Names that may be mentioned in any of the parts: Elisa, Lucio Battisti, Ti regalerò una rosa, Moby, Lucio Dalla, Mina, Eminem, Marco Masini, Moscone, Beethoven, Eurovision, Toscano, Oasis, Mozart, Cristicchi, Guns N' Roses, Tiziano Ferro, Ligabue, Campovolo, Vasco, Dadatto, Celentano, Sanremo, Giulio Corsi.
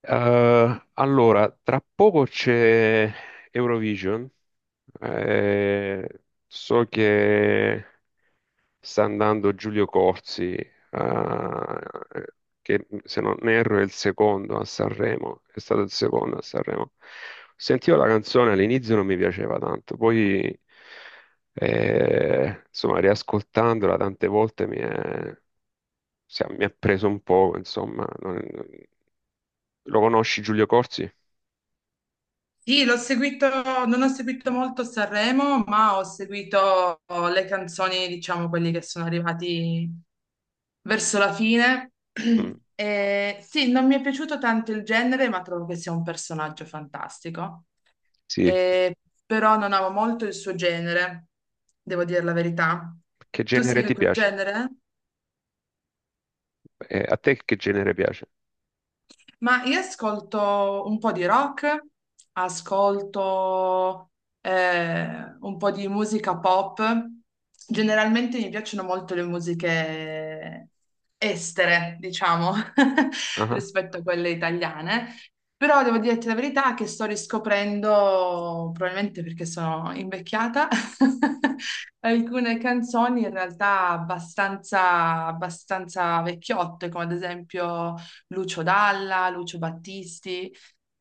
Allora, tra poco c'è Eurovision. Eh, so che sta andando Giulio Corsi, che se non erro è il secondo a Sanremo, è stato il secondo a Sanremo. Sentivo la canzone, all'inizio non mi piaceva tanto, poi insomma, riascoltandola tante volte mi è, mi ha preso un po', insomma. Lo conosci Giulio Corsi? Sì, l'ho seguito, non ho seguito molto Sanremo, ma ho seguito le canzoni, diciamo, quelli che sono arrivati verso la fine. Mm, E sì, non mi è piaciuto tanto il genere, ma trovo che sia un personaggio fantastico. sì. E- Però non amo molto il suo genere, devo dire la verità. Che Tu genere segui ti quel piace? genere? A te che genere piace? Ma io ascolto un po' di rock, ascolto un po' di musica pop. Generalmente mi piacciono molto le musiche estere, diciamo, Ah, rispetto a quelle italiane. Però devo dirti la verità che sto riscoprendo, probabilmente perché sono invecchiata, alcune canzoni in realtà abbastanza, abbastanza vecchiotte, come ad esempio. Lucio Dalla, Lucio Battisti,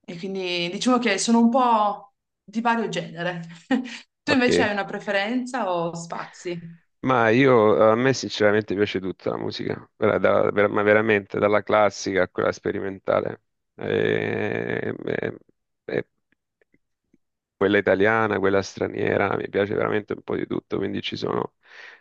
e quindi diciamo che sono un po' di vario genere. Tu invece ok. hai una preferenza o spazi? Ma io, a me sinceramente piace tutta la musica, ma veramente, dalla classica a quella sperimentale. Eh, eh, eh, Quella italiana, quella straniera, mi piace veramente un po' di tutto, quindi ci sono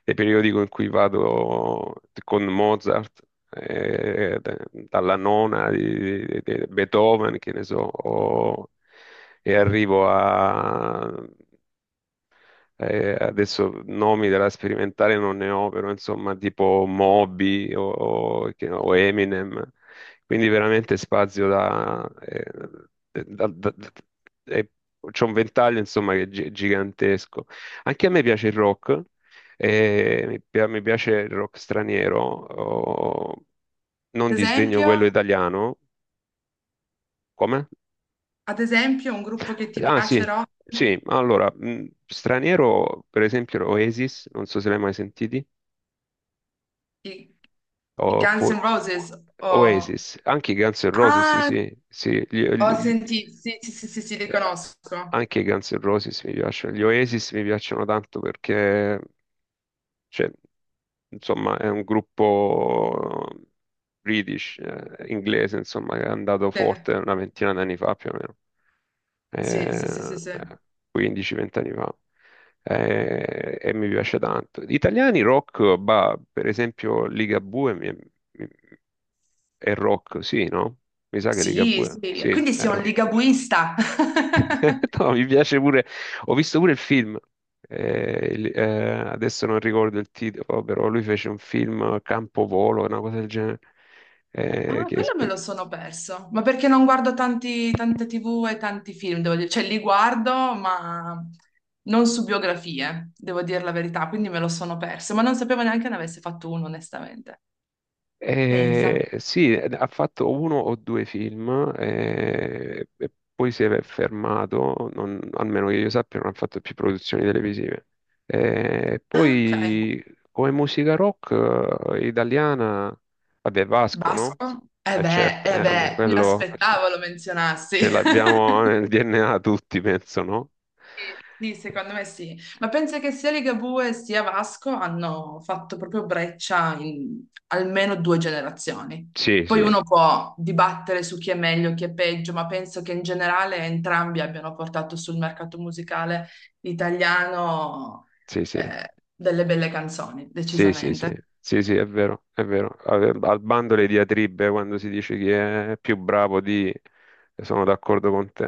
dei periodi in cui vado con Mozart, dalla nona di, di Beethoven, che ne so, e arrivo a adesso nomi della sperimentale non ne ho, però insomma tipo Moby o, o Eminem, quindi veramente spazio. Da- da- da- eh, C'è un ventaglio insomma che è gigantesco. Anche a me piace il rock, mi piace il rock straniero, oh, non Ad disdegno esempio, quello italiano. Come? ad esempio un gruppo che ti Ah piace sì, rock, sì, allora, straniero per esempio Oasis, non so se l'hai mai sentiti. i, i Guns N' Oppo- Roses, o... Oasis, anche i Guns N' Roses, sì, Ah, sì, sì, ho sentito, sì, sì, sì, sì, sì, li eh, conosco. anche i Guns N' Roses mi piacciono, gli Oasis mi piacciono tanto perché, cioè, insomma, è un gruppo British, inglese, insomma, che è andato forte una ventina d'anni fa più o Sì, sì, sì, sì, meno. sì. 15-20 anni fa, e mi piace tanto. Gli italiani rock, bah, per esempio Ligabue mi- è rock, sì, no? Mi sa che Sì, sì, Ligabue, sì. sì, Quindi è sei un rock. ligabuista. No, mi piace pure, ho visto pure il film, eh, il- eh, adesso non ricordo il titolo, però lui fece un film Campovolo, una cosa del genere. eh, Ah, che quello me lo spe- sono perso, ma perché non guardo tanti, tante TV e tanti film, devo dire, cioè li guardo, ma non su biografie, devo dire la verità, quindi me lo sono perso, ma non sapevo neanche ne avesse fatto uno, onestamente. Pensa. Sì, ha fatto uno o due film, e poi si è fermato, almeno che io sappia, non ha fatto più produzioni televisive. Ah, ok. Poi, come musica rock italiana, vabbè, Vasco, no? Basco? Eh certo, Eh vabbè, beh, mi quello, cioè, aspettavo lo cioè, menzionassi. ce l'abbiamo nel DNA tutti, penso, no? Sì, sì, Eh, secondo me sì. Ma penso che sia Ligabue sia Vasco hanno fatto proprio breccia in almeno due generazioni. sì, Poi sì, uno può dibattere su chi è meglio, chi è peggio, ma penso che in generale entrambi abbiano portato sul mercato musicale italiano sì, sì. Delle belle canzoni, Sì, sì, sì, decisamente. sì, sì, è vero, è vero. Al bando le diatribe quando si dice chi è più bravo di. Sono d'accordo con te,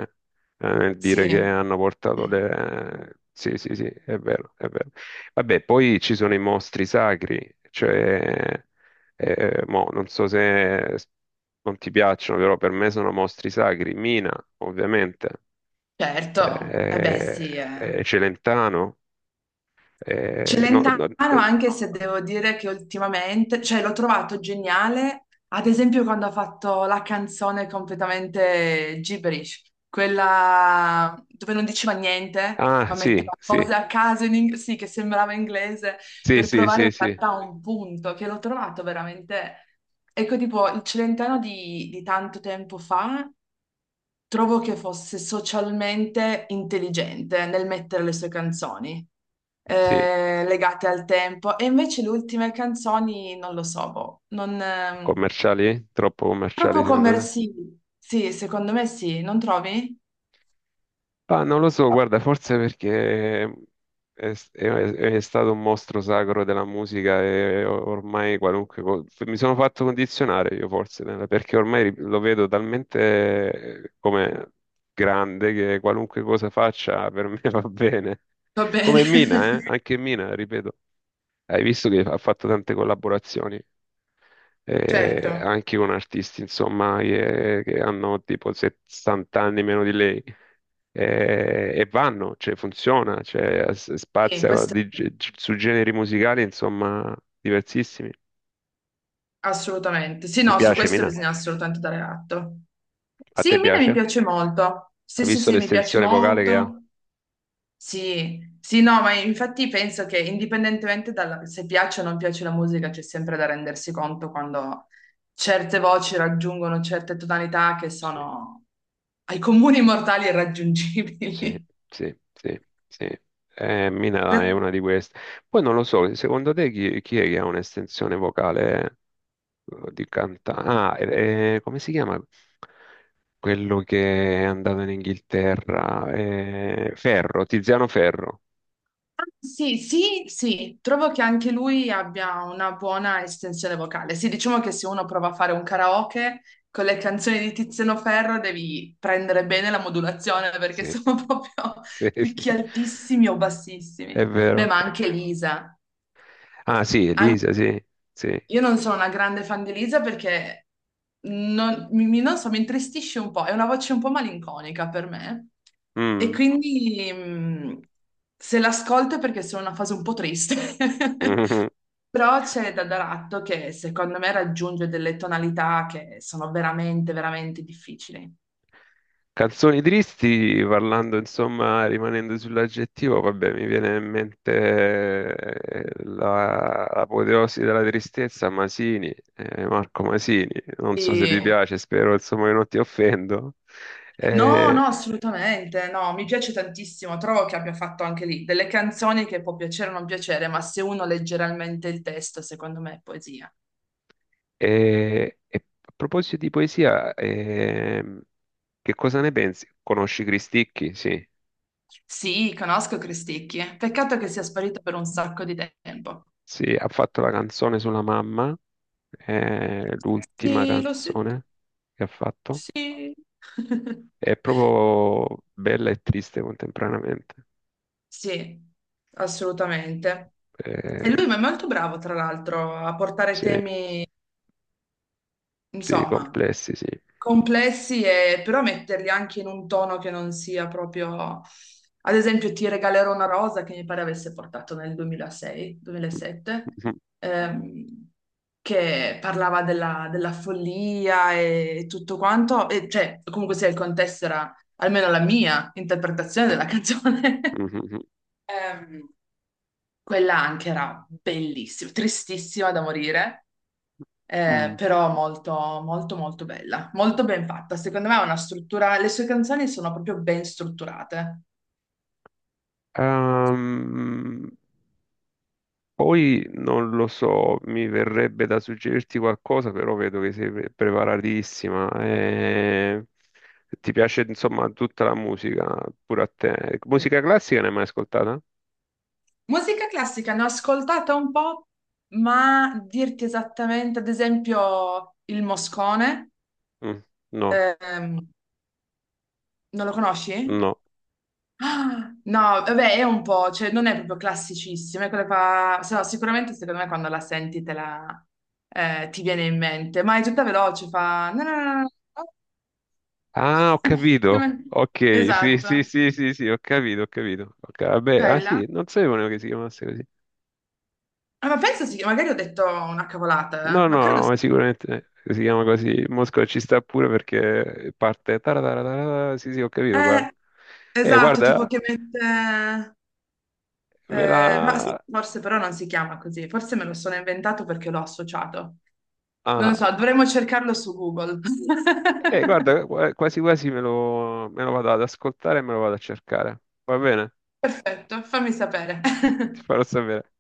nel dire che Sì, hanno portato le. Sì, sì, sì, è vero, è vero. Vabbè, poi ci sono i mostri sacri, cioè. eh, Non so se non ti piacciono, però per me sono mostri sacri. Mina, ovviamente, certo. Eh beh, eh, sì. Eh. Celentano. eh, no- Celentano, no- eh, anche se devo dire che ultimamente, cioè l'ho trovato geniale, ad esempio quando ha fatto la canzone completamente gibberish, quella dove non diceva niente, Ah, ma metteva sì, sì. cose a caso sì, che sembrava inglese, Sì, per sì, provare in sì, sì, realtà un punto, che l'ho trovato veramente... Ecco, tipo, il Celentano di tanto tempo fa trovo che fosse socialmente intelligente nel mettere le sue canzoni sì. Legate al tempo, e invece le ultime canzoni non lo so, boh, non, Commerciali? Troppo troppo commerciali secondo te? commerciali. Sì, secondo me sì, non trovi? Ah, non lo so, guarda, forse perché è stato un mostro sacro della musica e ormai qualunque cosa. Mi sono fatto condizionare io, forse, perché ormai lo vedo talmente come grande che qualunque cosa faccia per me va bene. Va bene. Come Mina, eh? Anche Mina, ripeto. Hai visto che ha fatto tante collaborazioni? Certo, Anche con artisti, insomma, che hanno tipo 70 anni meno di lei. E vanno, cioè funziona, cioè, sì, spazia questo su generi musicali, insomma, diversissimi. assolutamente. Sì, Ti no, su piace, questo Mina? bisogna assolutamente dare atto. A Sì, te Mina mi piace? piace molto. Sì, Hai sì, visto sì, mi piace l'estensione vocale che ha? molto. Sì, sì, no, ma infatti penso che indipendentemente dalla, se piace o non piace la musica, c'è sempre da rendersi conto quando certe voci raggiungono certe tonalità che Sì, sono ai comuni mortali sì, irraggiungibili. sì, sì, sì. Mina è una di queste. Poi non lo so, secondo te chi è che ha un'estensione vocale? Di cantante. Ah, come si chiama? Quello che è andato in Inghilterra, Ferro, Tiziano Ferro. Sì, sì, sì, trovo che anche lui abbia una buona estensione vocale. Sì, diciamo che se uno prova a fare un karaoke con le canzoni di Tiziano Ferro devi prendere bene la modulazione perché Sì, sono proprio sì, sì, picchi altissimi o bassissimi. è Beh, vero. ma anche Lisa. Ah, sì, Elisa, sì, sì. Io non sono una grande fan di Elisa perché non so, mi intristisce un po', è una voce un po' malinconica per me e Mm. quindi se l'ascolto è perché sono in una fase un po' triste. Però c'è Dadatto che secondo me raggiunge delle tonalità che sono veramente, veramente difficili. Canzoni tristi, parlando insomma, rimanendo sull'aggettivo, vabbè, mi viene in mente l'apoteosi della tristezza, Masini, Marco Masini, non so se ti E piace, spero insomma che non ti offendo. no, Eh, no, assolutamente, no, mi piace tantissimo, trovo che abbia fatto anche lì delle canzoni che può piacere o non piacere, ma se uno legge realmente il testo, secondo me è poesia. E a proposito di poesia, che cosa ne pensi? Conosci Cristicchi? Sì, Sì, conosco Cristicchi, peccato che sia sparito per un sacco di tempo. sì, ha fatto la canzone sulla mamma, l'ultima Sì, lo senti, canzone che ha fatto. sì. È proprio bella e triste contemporaneamente. Sì, assolutamente. E Eh, lui ma è molto bravo, tra l'altro, a portare sì, temi, sì, insomma, complessi, sì. complessi, e però metterli anche in un tono che non sia proprio... Ad esempio, Ti regalerò una rosa che mi pare avesse portato nel 2006, 2007, Mhm, ehm, che parlava della follia e tutto quanto, e cioè comunque sia il contesto era almeno la mia interpretazione della canzone. mhm, Ehm, quella anche era bellissima, tristissima da morire, mhm. però molto, molto, molto bella, molto ben fatta. Secondo me ha una struttura, le sue canzoni sono proprio ben strutturate. Ehm, Poi non lo so, mi verrebbe da suggerirti qualcosa, però vedo che sei preparatissima. Ti piace, insomma, tutta la musica, pure a te. Sì. Musica classica ne hai mai ascoltata? Musica classica ne ho ascoltata un po', ma dirti esattamente, ad esempio, il Moscone, Mm, no, ehm, non lo conosci? no. Ah, no, vabbè, è un po', cioè non è proprio classicissimo, è quello che fa... Se no, sicuramente secondo me quando la senti te la, ti viene in mente, ma è tutta veloce, fa... no, no, no, no, no, no, Ah, ho Io capito. me- Ok, sì, esatto, sì, sì, sì, sì, ho capito, ho capito. Ok, vabbè, ah quella. sì, non sapevo neanche che si chiamasse così. Ah, ma pensa sì, magari ho detto una cavolata, No, ma no, credo no, sì. ma sicuramente si chiama così. Mosca ci sta pure perché parte, tarararara. Sì, sì, ho capito, Eh, guarda. Esatto, tipo Guarda, che mette... me la. Ma sì, forse però non si chiama così, forse me lo sono inventato perché l'ho associato. Non lo Ah, so, dovremmo cercarlo su Google. Guarda, quasi quasi me lo vado ad ascoltare e me lo vado a cercare. Va bene? Perfetto, fammi sapere. Ti farò sapere.